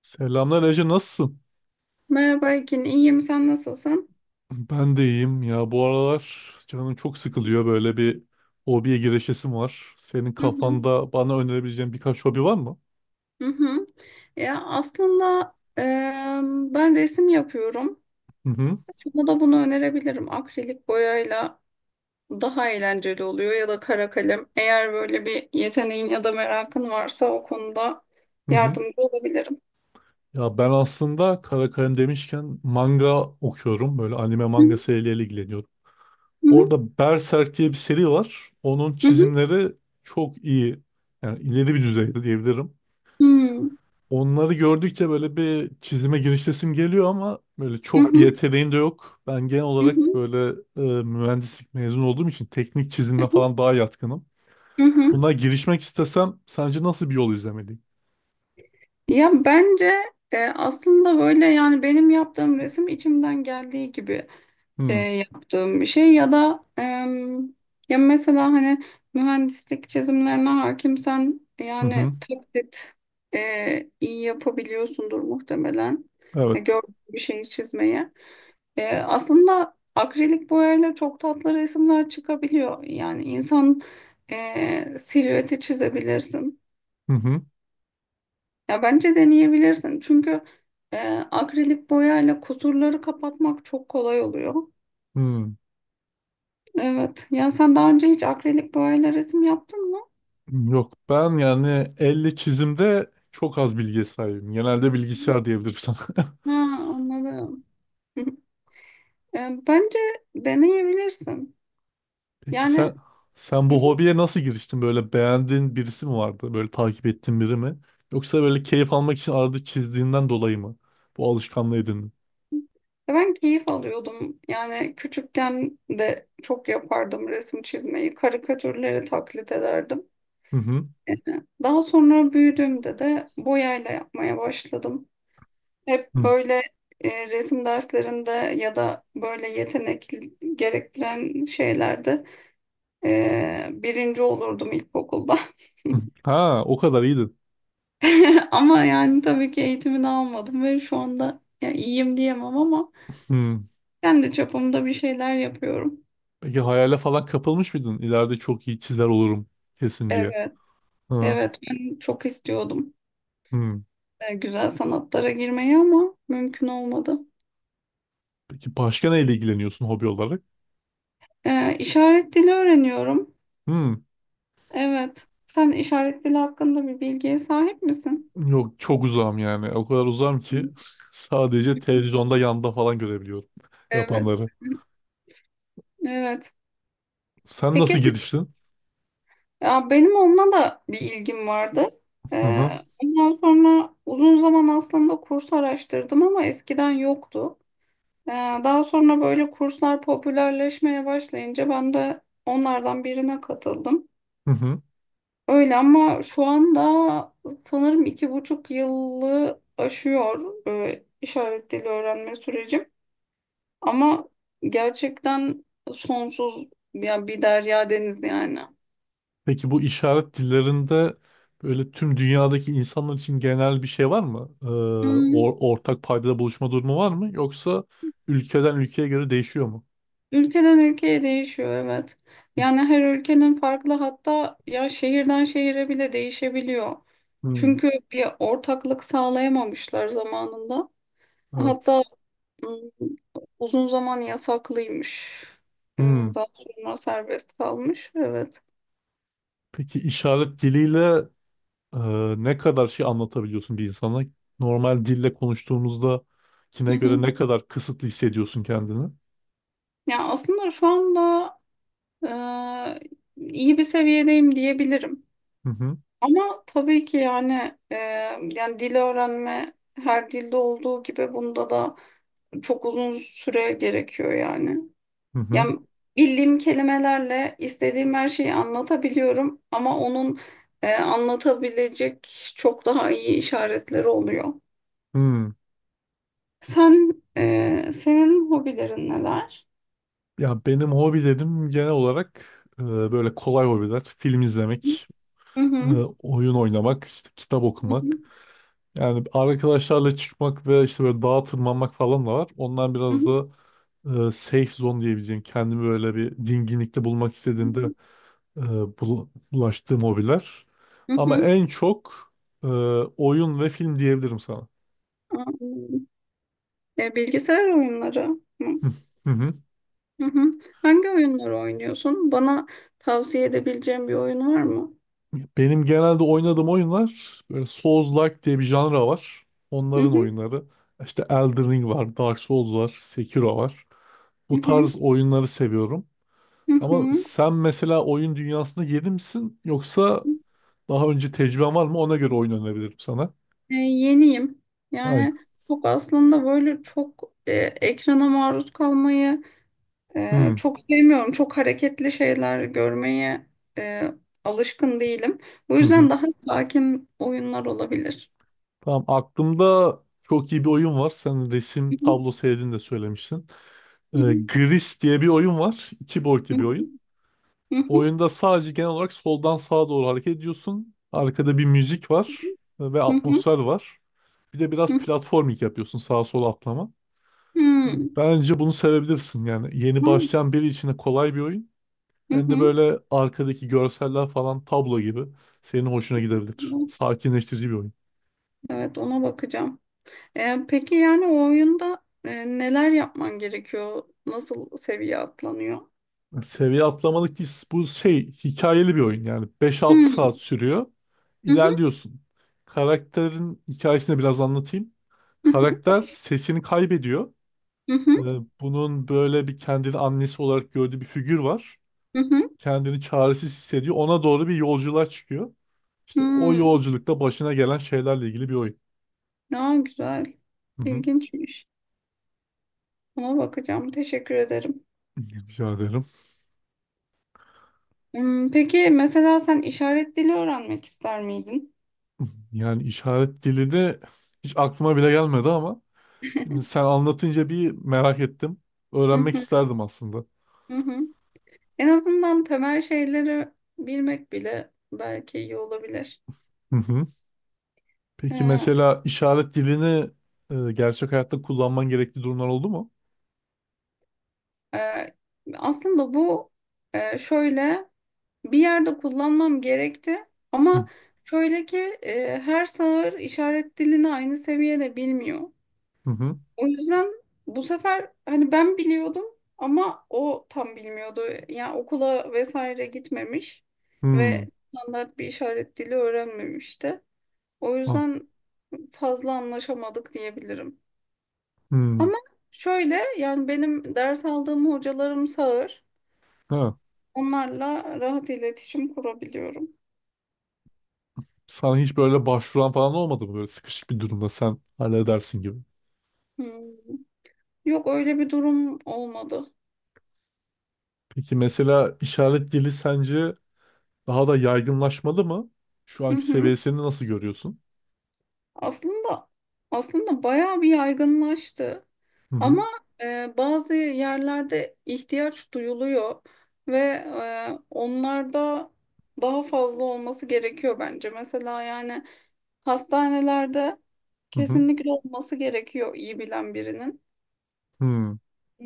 Selamlar Ece, nasılsın? Merhaba Ekin, iyiyim. Sen nasılsın? Ben de iyiyim ya, bu aralar canım çok sıkılıyor, böyle bir hobiye girişesim var. Senin Hı hı, kafanda bana önerebileceğin birkaç hobi var mı? hı hı. Ya aslında e, ben resim yapıyorum. Hı hı, Sana da bunu önerebilirim. Akrilik boyayla daha eğlenceli oluyor ya da kara kalem. Eğer böyle bir yeteneğin ya da merakın varsa o konuda hı hı. yardımcı olabilirim. Ya ben aslında kara kalem demişken manga okuyorum. Böyle anime Hı manga serileriyle ilgileniyorum. hı, Orada Berserk diye bir seri var. Onun hı hı, çizimleri çok iyi. Yani ileri bir düzeyde diyebilirim. hı hı, Onları gördükçe böyle bir çizime girişesim geliyor ama böyle hı çok bir hı, yeteneğim de yok. Ben genel hı olarak hı, böyle mühendislik mezun olduğum için teknik hı çizimle hı, falan daha yatkınım. hı hı. Buna girişmek istesem sence nasıl bir yol izlemeliyim? Ya bence aslında böyle yani benim yaptığım resim içimden geldiği gibi. Hmm. Yaptığım bir şey ya da ya mesela hani mühendislik çizimlerine hakimsen Hı hı. yani taklit iyi yapabiliyorsundur muhtemelen. Ya Evet. gördüğün bir şeyi çizmeye. Aslında akrilik boyayla çok tatlı resimler çıkabiliyor. Yani insan silüeti çizebilirsin. Hı hı. Ya bence deneyebilirsin. Çünkü e, akrilik boyayla kusurları kapatmak çok kolay oluyor. Hı. Evet. Ya sen daha önce hiç akrilik boyayla resim yaptın mı? Yok, ben yani elle çizimde çok az bilgiye sahibim. Genelde bilgisayar diyebilirim sana. Ha, anladım. Bence deneyebilirsin. Peki Yani sen bu hobiye nasıl giriştin? Böyle beğendiğin birisi mi vardı? Böyle takip ettiğin biri mi? Yoksa böyle keyif almak için arada çizdiğinden dolayı mı bu alışkanlığı edindin? ben keyif alıyordum. Yani küçükken de çok yapardım resim çizmeyi. Karikatürleri taklit ederdim. Hı hı. E, Daha sonra büyüdüğümde de boyayla yapmaya başladım. Hep Hı böyle resim derslerinde ya da böyle yetenek gerektiren şeylerde birinci olurdum ilkokulda. hı. Ha, o kadar iyiydin. Ama yani tabii ki eğitimini almadım ve şu anda ya iyiyim diyemem ama Hı. kendi çapımda bir şeyler yapıyorum. Peki hayale falan kapılmış mıydın? İleride çok iyi çizer olurum kesin diye. Evet, Ha. evet ben çok istiyordum Hı. Güzel sanatlara girmeyi ama mümkün olmadı. Peki başka neyle ilgileniyorsun hobi olarak? İşaret dili öğreniyorum. Hı. Evet. Sen işaret dili hakkında bir bilgiye sahip misin? Yok, çok uzağım yani. O kadar uzağım ki sadece televizyonda yanda falan görebiliyorum Evet. yapanları. Evet. Sen Peki nasıl giriştin? ya benim onunla da bir ilgim vardı. Hı Ee, hı. Ondan sonra uzun zaman aslında kurs araştırdım ama eskiden yoktu. Ee, Daha sonra böyle kurslar popülerleşmeye başlayınca ben de onlardan birine katıldım. Hı hı. Öyle ama şu anda sanırım 2,5 yılı aşıyor işaret dili öğrenme sürecim. Ama gerçekten sonsuz ya bir derya deniz yani. Peki bu işaret dillerinde böyle tüm dünyadaki insanlar için genel bir şey var mı? Hmm. Ortak paydada buluşma durumu var mı? Yoksa ülkeden ülkeye göre değişiyor mu? Ülkeden ülkeye değişiyor, evet. Yani her ülkenin farklı, hatta ya şehirden şehire bile değişebiliyor. Hmm, Çünkü bir ortaklık sağlayamamışlar zamanında. evet. Hatta ım, uzun zaman yasaklıymış. Hmm. Daha sonra serbest kalmış. Evet. Peki işaret diliyle e, ne kadar şey anlatabiliyorsun bir insana? Normal dille konuştuğumuzda Hı kine göre hı. ne kadar kısıtlı hissediyorsun kendini? Ya aslında şu anda e, iyi bir seviyedeyim diyebilirim. Hı hı. Ama tabii ki yani yani dil öğrenme her dilde olduğu gibi bunda da çok uzun süre gerekiyor yani. Hı hı. Yani bildiğim kelimelerle istediğim her şeyi anlatabiliyorum ama onun anlatabilecek çok daha iyi işaretleri oluyor. Hmm. Sen senin hobilerin neler? Ya benim hobilerim genel olarak böyle kolay hobiler. Film izlemek, Hı e, hı. oyun oynamak, işte kitap Hı hı. okumak. Yani arkadaşlarla çıkmak ve işte böyle dağa tırmanmak falan da var. Ondan Hı biraz hı. da safe zone diyebileceğim. Kendimi böyle bir dinginlikte bulmak istediğimde e, bulaştığım hobiler. Hı Ama hı. en çok e, oyun ve film diyebilirim sana. Hı hı. Bilgisayar oyunları. Hı. Hı hı. Hı. Hı hı. Hangi oyunları oynuyorsun? Bana tavsiye edebileceğin bir oyun var mı? Benim genelde oynadığım oyunlar böyle Souls-like diye bir janra var. Hı Onların hı, oyunları. İşte Elden Ring var, Dark Souls var, Sekiro var. hı Bu hı, tarz oyunları seviyorum. hı Ama hı. sen mesela oyun dünyasında yeni misin, yoksa daha önce tecrüben var mı? Ona göre oyun önebilirim sana. Yeniyim. Ay. Yani çok aslında böyle çok ekrana maruz kalmayı Hmm. çok sevmiyorum. Çok hareketli şeyler görmeye e, alışkın değilim. O Hı hı. yüzden daha sakin oyunlar olabilir. Tamam, aklımda çok iyi bir oyun var. Sen Hı resim hı, tablo sevdiğini de söylemişsin. Hı Gris diye bir oyun var. İki boyutlu hı, bir oyun. hı hı, Oyunda sadece genel olarak soldan sağa doğru hareket ediyorsun. Arkada bir müzik var ve hı hı, atmosfer var. Bir de hı biraz hı, platforming yapıyorsun, sağa sola atlama. hı Ee, hı, Bence bunu sevebilirsin yani. Yeni hmm, başlayan biri için de kolay bir oyun. Hem de hı böyle arkadaki görseller falan tablo gibi senin hoşuna gidebilir. hı. Sakinleştirici bir oyun. Evet, ona bakacağım. Peki yani o oyunda neler yapman gerekiyor? Nasıl seviye atlanıyor? Seviye atlamalık değil. Bu şey, hikayeli bir oyun, yani beş altı Hmm. saat sürüyor. Hı hı, İlerliyorsun. Karakterin hikayesini biraz anlatayım. hı hı, Karakter sesini kaybediyor. Ee, hı bunun böyle bir kendini annesi olarak gördüğü bir figür var. hı, hı. Kendini çaresiz hissediyor. Ona doğru bir yolculuğa çıkıyor. İşte o Hmm. yolculukta başına gelen şeylerle ilgili bir oyun. Ya güzel. Hı hı. İlginçmiş. Ona bakacağım. Teşekkür ederim. Rica ederim. Hmm, peki mesela sen işaret dili öğrenmek ister miydin? Yani işaret dili de hiç aklıma bile gelmedi ama şimdi sen anlatınca bir merak ettim. Hı Öğrenmek hı, isterdim aslında. hı. Hı. En azından temel şeyleri bilmek bile belki iyi olabilir. Hı hı. Peki Ee, mesela işaret dilini gerçek hayatta kullanman gerektiği durumlar oldu mu? e, aslında bu şöyle. Bir yerde kullanmam gerekti Hı ama şöyle ki her sağır işaret dilini aynı seviyede bilmiyor. hı. Hı. O yüzden bu sefer hani ben biliyordum ama o tam bilmiyordu. Yani okula vesaire gitmemiş ve Hmm. standart bir işaret dili öğrenmemişti. O Ha. yüzden fazla anlaşamadık diyebilirim. Hmm. Ama şöyle yani benim ders aldığım hocalarım sağır. Ha. Onlarla rahat iletişim kurabiliyorum. Sana hiç böyle başvuran falan olmadı mı, böyle sıkışık bir durumda sen halledersin gibi? Hmm. Yok öyle bir durum olmadı. Peki mesela işaret dili sence daha da yaygınlaşmalı mı? Şu Hı anki hı. seviyesini nasıl görüyorsun? Aslında aslında bayağı bir yaygınlaştı. Hı hı. Ama bazı yerlerde ihtiyaç duyuluyor ve onlarda daha fazla olması gerekiyor bence. Mesela yani hastanelerde Hı hı. kesinlikle olması gerekiyor iyi bilen birinin. Hmm.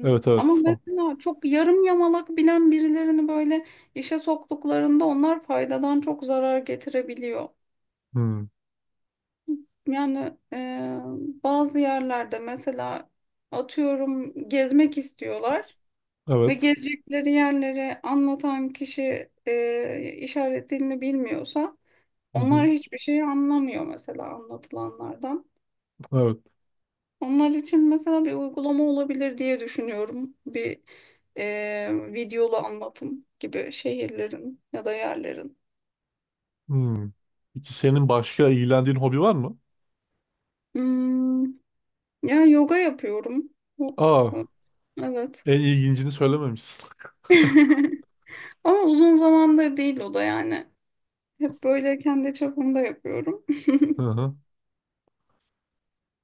Evet, Ama evet. mesela çok yarım yamalak bilen birilerini böyle işe soktuklarında onlar faydadan çok zarar getirebiliyor. Hmm, Yani bazı yerlerde mesela atıyorum gezmek istiyorlar ve evet. gezecekleri yerleri anlatan kişi işaret dilini bilmiyorsa Hı onlar hı, hiçbir şey anlamıyor mesela anlatılanlardan. evet. Onlar için mesela bir uygulama olabilir diye düşünüyorum. Bir videolu anlatım gibi şehirlerin ya da yerlerin. Hmm. Peki senin başka ilgilendiğin hobi var mı? Hmm, yani yoga yapıyorum. Bu- Aa, bu- Evet. en ilgincini söylememişsin. Ama uzun zamandır değil o da yani. Hep böyle kendi çapımda yapıyorum. Hı hı.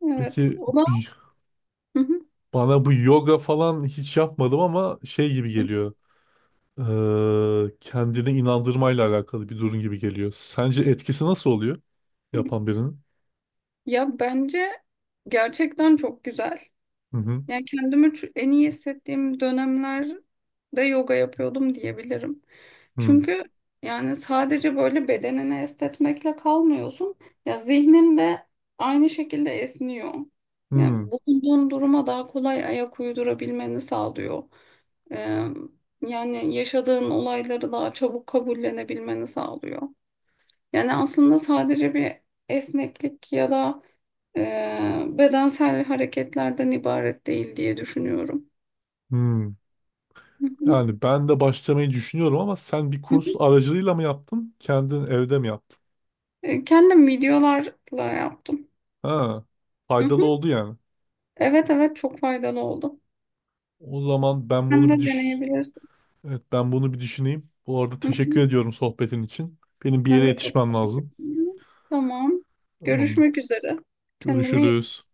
Evet. Peki O da bana bu yoga falan hiç yapmadım ama şey gibi geliyor. Kendini inandırmayla alakalı bir durum gibi geliyor. Sence etkisi nasıl oluyor yapan birinin? ya bence gerçekten çok güzel. Hı hı. Yani kendimi en iyi hissettiğim dönemlerde yoga yapıyordum diyebilirim. Hı Çünkü yani sadece böyle bedenini esnetmekle kalmıyorsun. Ya zihnin de aynı şekilde esniyor. Yani hı. bulunduğun duruma daha kolay ayak uydurabilmeni sağlıyor. Ee, yani yaşadığın olayları daha çabuk kabullenebilmeni sağlıyor. Yani aslında sadece bir esneklik ya da bedensel hareketlerden ibaret değil diye düşünüyorum. Hı. Hı hı. Yani ben de başlamayı düşünüyorum, ama sen bir Hı kurs hı. aracılığıyla mı yaptın? Kendin evde mi yaptın? Kendim videolarla yaptım. Ha, Hı faydalı hı. oldu yani. Evet, evet çok faydalı oldu. O zaman ben Sen bunu de bir deneyebilirsin. evet, ben bunu bir düşüneyim. Bu arada Hı teşekkür hı. ediyorum sohbetin için. Benim bir yere Ben de çok yetişmem teşekkür lazım. ederim. Tamam. Tamamdır. Görüşmek üzere. Kendine iyi Görüşürüz.